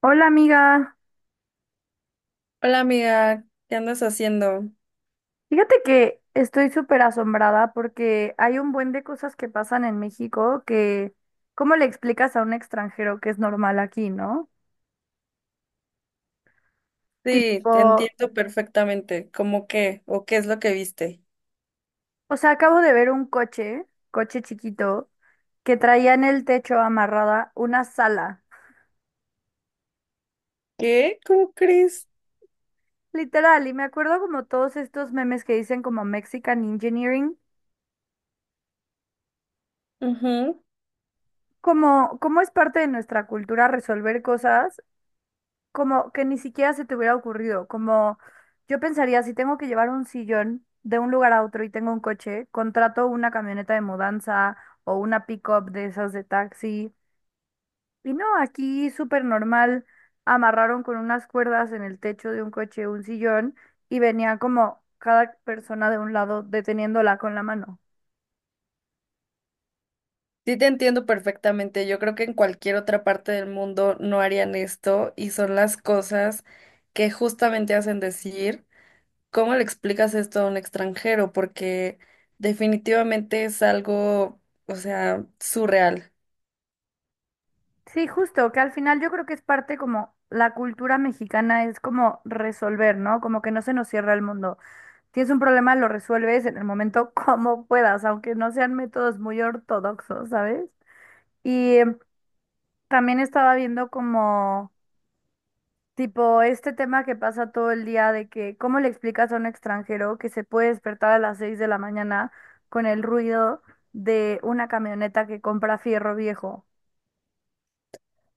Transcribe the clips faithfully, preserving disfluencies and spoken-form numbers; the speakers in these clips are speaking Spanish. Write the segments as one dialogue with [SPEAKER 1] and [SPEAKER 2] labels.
[SPEAKER 1] Hola amiga,
[SPEAKER 2] Hola amiga, ¿qué andas haciendo?
[SPEAKER 1] fíjate que estoy súper asombrada porque hay un buen de cosas que pasan en México que, ¿cómo le explicas a un extranjero que es normal aquí, no?
[SPEAKER 2] Sí,
[SPEAKER 1] Tipo,
[SPEAKER 2] te entiendo perfectamente. ¿Cómo qué? ¿O qué es lo que viste?
[SPEAKER 1] o sea, acabo de ver un coche, coche chiquito, que traía en el techo amarrada una sala,
[SPEAKER 2] ¿Qué? ¿Cómo crees?
[SPEAKER 1] literal, y me acuerdo como todos estos memes que dicen como Mexican Engineering,
[SPEAKER 2] Ujú.
[SPEAKER 1] como, como es parte de nuestra cultura resolver cosas como que ni siquiera se te hubiera ocurrido, como yo pensaría, si tengo que llevar un sillón de un lugar a otro y tengo un coche, contrato una camioneta de mudanza o una pick-up de esas de taxi. Y no, aquí súper normal, amarraron con unas cuerdas en el techo de un coche un sillón y venía como cada persona de un lado deteniéndola con la mano.
[SPEAKER 2] Sí, te entiendo perfectamente. Yo creo que en cualquier otra parte del mundo no harían esto y son las cosas que justamente hacen decir, ¿cómo le explicas esto a un extranjero? Porque definitivamente es algo, o sea, surreal.
[SPEAKER 1] Sí, justo, que al final yo creo que es parte como la cultura mexicana es como resolver, ¿no? Como que no se nos cierra el mundo. Tienes un problema, lo resuelves en el momento como puedas, aunque no sean métodos muy ortodoxos, ¿sabes? Y em, También estaba viendo como, tipo, este tema que pasa todo el día de que, ¿cómo le explicas a un extranjero que se puede despertar a las seis de la mañana con el ruido de una camioneta que compra fierro viejo?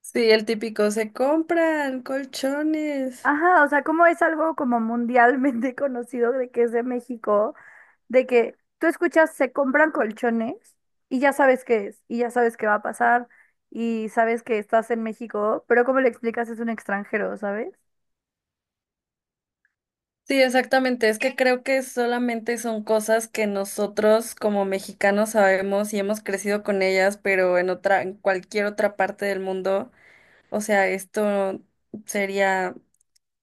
[SPEAKER 2] Sí, el típico, se compran colchones.
[SPEAKER 1] Ajá, o sea, como es algo como mundialmente conocido de que es de México, de que tú escuchas, se compran colchones y ya sabes qué es, y ya sabes qué va a pasar, y sabes que estás en México, pero como le explicas es un extranjero, ¿sabes?
[SPEAKER 2] Sí, exactamente. Es que creo que solamente son cosas que nosotros como mexicanos sabemos y hemos crecido con ellas, pero en otra, en cualquier otra parte del mundo, o sea, esto sería,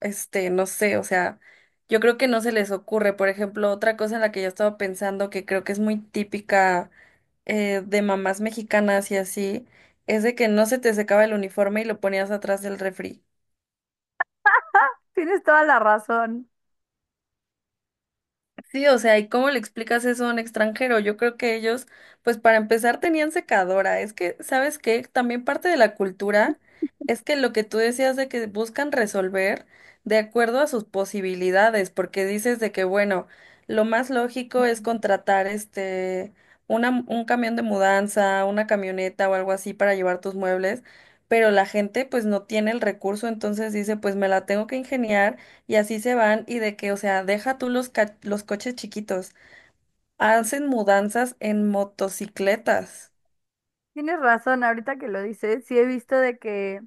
[SPEAKER 2] este, no sé, o sea, yo creo que no se les ocurre. Por ejemplo, otra cosa en la que yo estaba pensando que creo que es muy típica eh, de mamás mexicanas y así, es de que no se te secaba el uniforme y lo ponías atrás del refri.
[SPEAKER 1] Tienes toda la razón.
[SPEAKER 2] Sí, o sea, ¿y cómo le explicas eso a un extranjero? Yo creo que ellos, pues para empezar, tenían secadora. Es que, ¿sabes qué? También parte de la cultura es que lo que tú decías de que buscan resolver de acuerdo a sus posibilidades, porque dices de que, bueno, lo más lógico es contratar este, una, un camión de mudanza, una camioneta o algo así para llevar tus muebles, pero la gente pues no tiene el recurso, entonces dice, pues me la tengo que ingeniar y así se van y de que, o sea, deja tú los, ca- los coches chiquitos, hacen mudanzas en motocicletas.
[SPEAKER 1] Tienes razón, ahorita que lo dices, sí he visto de que,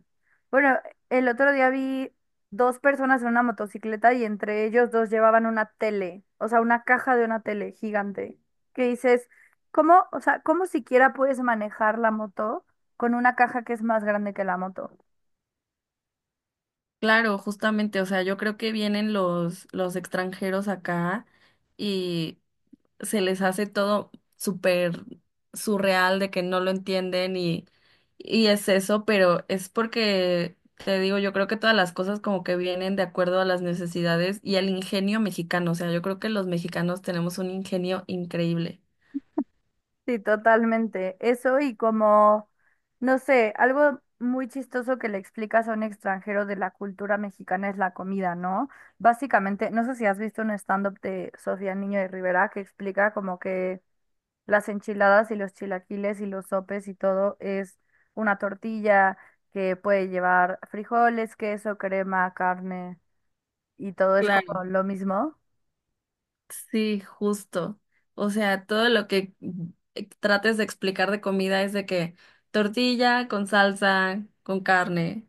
[SPEAKER 1] bueno, el otro día vi dos personas en una motocicleta y entre ellos dos llevaban una tele, o sea, una caja de una tele gigante, que dices, ¿cómo, o sea, cómo siquiera puedes manejar la moto con una caja que es más grande que la moto?
[SPEAKER 2] Claro, justamente, o sea, yo creo que vienen los, los extranjeros acá y se les hace todo súper surreal de que no lo entienden y, y es eso, pero es porque, te digo, yo creo que todas las cosas como que vienen de acuerdo a las necesidades y al ingenio mexicano, o sea, yo creo que los mexicanos tenemos un ingenio increíble.
[SPEAKER 1] Sí, totalmente. Eso y como, no sé, algo muy chistoso que le explicas a un extranjero de la cultura mexicana es la comida, ¿no? Básicamente, no sé si has visto un stand-up de Sofía Niño de Rivera que explica como que las enchiladas y los chilaquiles y los sopes y todo es una tortilla que puede llevar frijoles, queso, crema, carne y todo es
[SPEAKER 2] Claro.
[SPEAKER 1] como lo mismo.
[SPEAKER 2] Sí, justo. O sea, todo lo que eh, trates de explicar de comida es de que tortilla con salsa, con carne.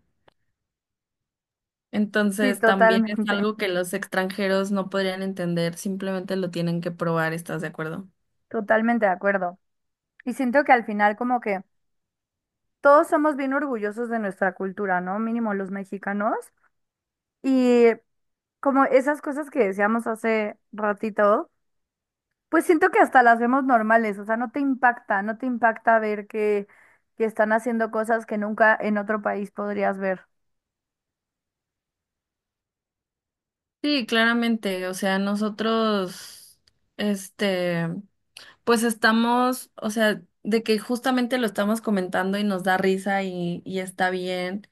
[SPEAKER 1] Sí,
[SPEAKER 2] Entonces, también
[SPEAKER 1] totalmente,
[SPEAKER 2] es algo que los extranjeros no podrían entender, simplemente lo tienen que probar, ¿estás de acuerdo?
[SPEAKER 1] totalmente de acuerdo. Y siento que al final como que todos somos bien orgullosos de nuestra cultura, ¿no? Mínimo los mexicanos. Y como esas cosas que decíamos hace ratito, pues siento que hasta las vemos normales, o sea, no te impacta, no te impacta ver que, que están haciendo cosas que nunca en otro país podrías ver.
[SPEAKER 2] Sí, claramente. O sea, nosotros, este, pues estamos, o sea, de que justamente lo estamos comentando y nos da risa y, y está bien.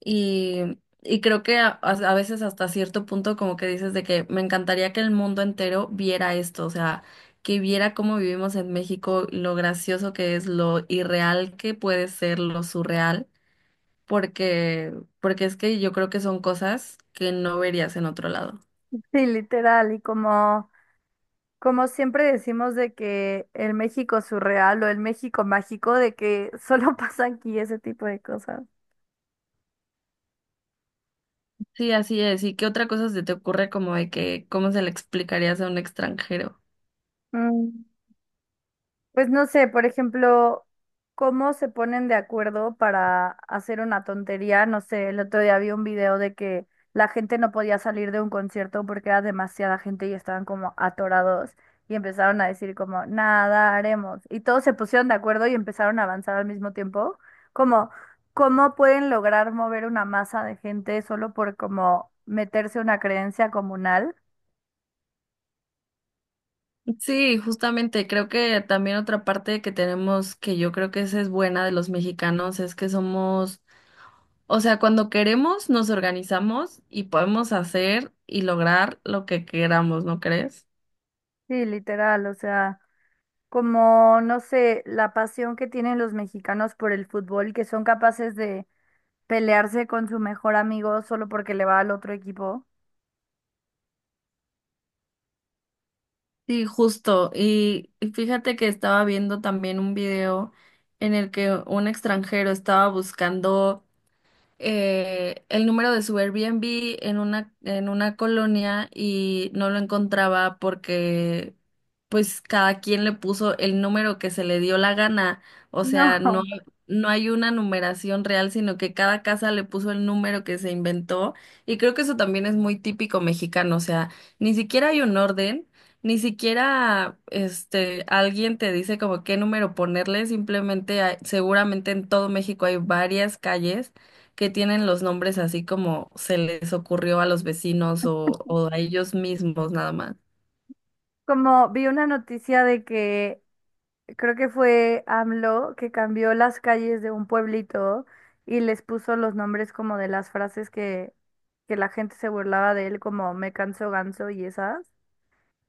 [SPEAKER 2] Y, y creo que a, a- a veces hasta cierto punto como que dices de que me encantaría que el mundo entero viera esto, o sea, que viera cómo vivimos en México, lo gracioso que es, lo irreal que puede ser, lo surreal, porque, porque es que yo creo que son cosas que no verías en otro lado.
[SPEAKER 1] Sí, literal, y como, como siempre decimos de que el México surreal o el México mágico, de que solo pasa aquí ese tipo de cosas.
[SPEAKER 2] Sí, así es. ¿Y qué otra cosa se te ocurre como de que cómo se le explicarías a un extranjero?
[SPEAKER 1] Mm. Pues no sé, por ejemplo, cómo se ponen de acuerdo para hacer una tontería. No sé, el otro día vi un video de que la gente no podía salir de un concierto porque era demasiada gente y estaban como atorados y empezaron a decir como, nada, haremos. Y todos se pusieron de acuerdo y empezaron a avanzar al mismo tiempo. Como, ¿cómo pueden lograr mover una masa de gente solo por como meterse una creencia comunal?
[SPEAKER 2] Sí, justamente, creo que también otra parte que tenemos, que yo creo que esa es buena de los mexicanos, es que somos, o sea, cuando queremos nos organizamos y podemos hacer y lograr lo que queramos, ¿no crees?
[SPEAKER 1] Sí, literal, o sea. Como, no sé, la pasión que tienen los mexicanos por el fútbol, que son capaces de pelearse con su mejor amigo solo porque le va al otro equipo.
[SPEAKER 2] Sí, justo. Y y fíjate que estaba viendo también un video en el que un extranjero estaba buscando eh, el número de su Airbnb en una, en una colonia y no lo encontraba porque pues cada quien le puso el número que se le dio la gana. O sea,
[SPEAKER 1] No,
[SPEAKER 2] no, no hay una numeración real, sino que cada casa le puso el número que se inventó. Y creo que eso también es muy típico mexicano. O sea, ni siquiera hay un orden. Ni siquiera este alguien te dice como qué número ponerle, simplemente hay- seguramente en todo México hay varias calles que tienen los nombres así como se les ocurrió a los vecinos o, o a ellos mismos nada más.
[SPEAKER 1] como vi una noticia de que creo que fue AMLO que cambió las calles de un pueblito y les puso los nombres como de las frases que, que la gente se burlaba de él, como me canso ganso y esas.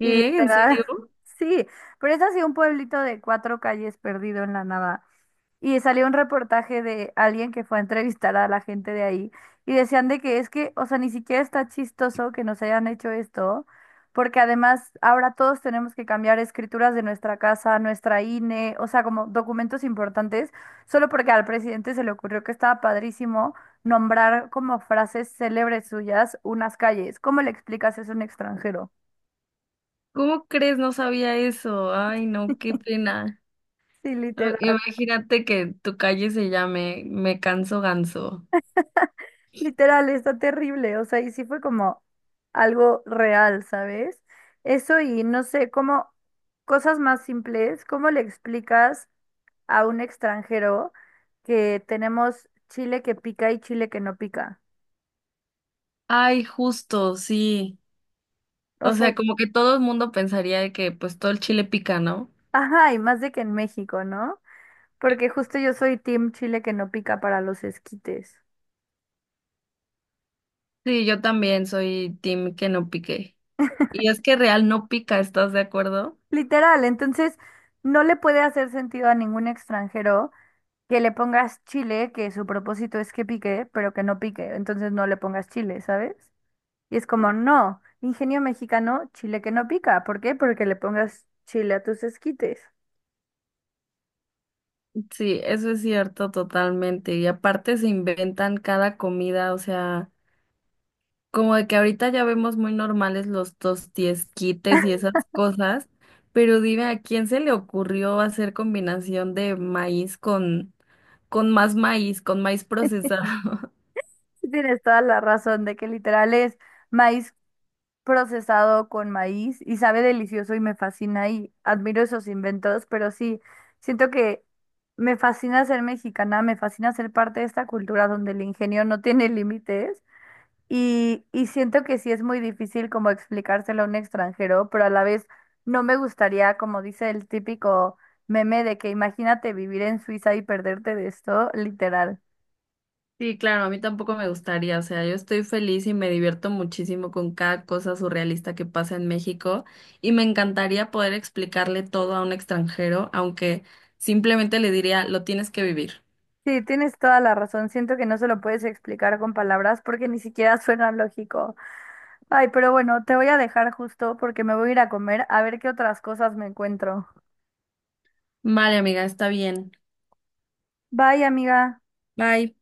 [SPEAKER 1] Y
[SPEAKER 2] ¿En
[SPEAKER 1] literal,
[SPEAKER 2] serio?
[SPEAKER 1] sí, pero es así un pueblito de cuatro calles perdido en la nada. Y salió un reportaje de alguien que fue a entrevistar a la gente de ahí y decían de que es que, o sea, ni siquiera está chistoso que nos hayan hecho esto, porque además ahora todos tenemos que cambiar escrituras de nuestra casa, nuestra INE, o sea, como documentos importantes, solo porque al presidente se le ocurrió que estaba padrísimo nombrar como frases célebres suyas unas calles. ¿Cómo le explicas eso a un extranjero?
[SPEAKER 2] ¿Cómo crees? No sabía eso. Ay, no, qué pena.
[SPEAKER 1] Sí,
[SPEAKER 2] Ah,
[SPEAKER 1] literal.
[SPEAKER 2] imagínate que tu calle se llame Me Canso Ganso.
[SPEAKER 1] Literal, está terrible, o sea, y sí fue como algo real, ¿sabes? Eso y no sé, como cosas más simples, ¿cómo le explicas a un extranjero que tenemos chile que pica y chile que no pica?
[SPEAKER 2] Ay, justo, sí.
[SPEAKER 1] O
[SPEAKER 2] O
[SPEAKER 1] sea,
[SPEAKER 2] sea, como que todo el mundo pensaría de que pues todo el chile pica, ¿no?
[SPEAKER 1] ajá, y más de que en México, ¿no? Porque justo yo soy team chile que no pica para los esquites.
[SPEAKER 2] Sí, yo también soy team que no pique. Y es que real no pica, ¿estás de acuerdo?
[SPEAKER 1] Literal, entonces no le puede hacer sentido a ningún extranjero que le pongas chile, que su propósito es que pique, pero que no pique, entonces no le pongas chile, ¿sabes? Y es como, no, ingenio mexicano, chile que no pica, ¿por qué? Porque le pongas chile a tus esquites.
[SPEAKER 2] Sí, eso es cierto totalmente. Y aparte se inventan cada comida, o sea, como de que ahorita ya vemos muy normales los tostiesquites y esas cosas, pero dime, ¿a quién se le ocurrió hacer combinación de maíz con, con más maíz, con maíz procesado?
[SPEAKER 1] Y tienes toda la razón de que literal es maíz procesado con maíz y sabe delicioso y me fascina y admiro esos inventos, pero sí, siento que me fascina ser mexicana, me fascina ser parte de esta cultura donde el ingenio no tiene límites. Y, y siento que sí es muy difícil como explicárselo a un extranjero, pero a la vez no me gustaría, como dice el típico meme de que imagínate vivir en Suiza y perderte de esto, literal.
[SPEAKER 2] Sí, claro, a mí tampoco me gustaría, o sea, yo estoy feliz y me divierto muchísimo con cada cosa surrealista que pasa en México y me encantaría poder explicarle todo a un extranjero, aunque simplemente le diría, lo tienes que vivir.
[SPEAKER 1] Sí, tienes toda la razón. Siento que no se lo puedes explicar con palabras porque ni siquiera suena lógico. Ay, pero bueno, te voy a dejar justo porque me voy a ir a comer a ver qué otras cosas me encuentro.
[SPEAKER 2] Vale, amiga, está bien.
[SPEAKER 1] Bye, amiga.
[SPEAKER 2] Bye.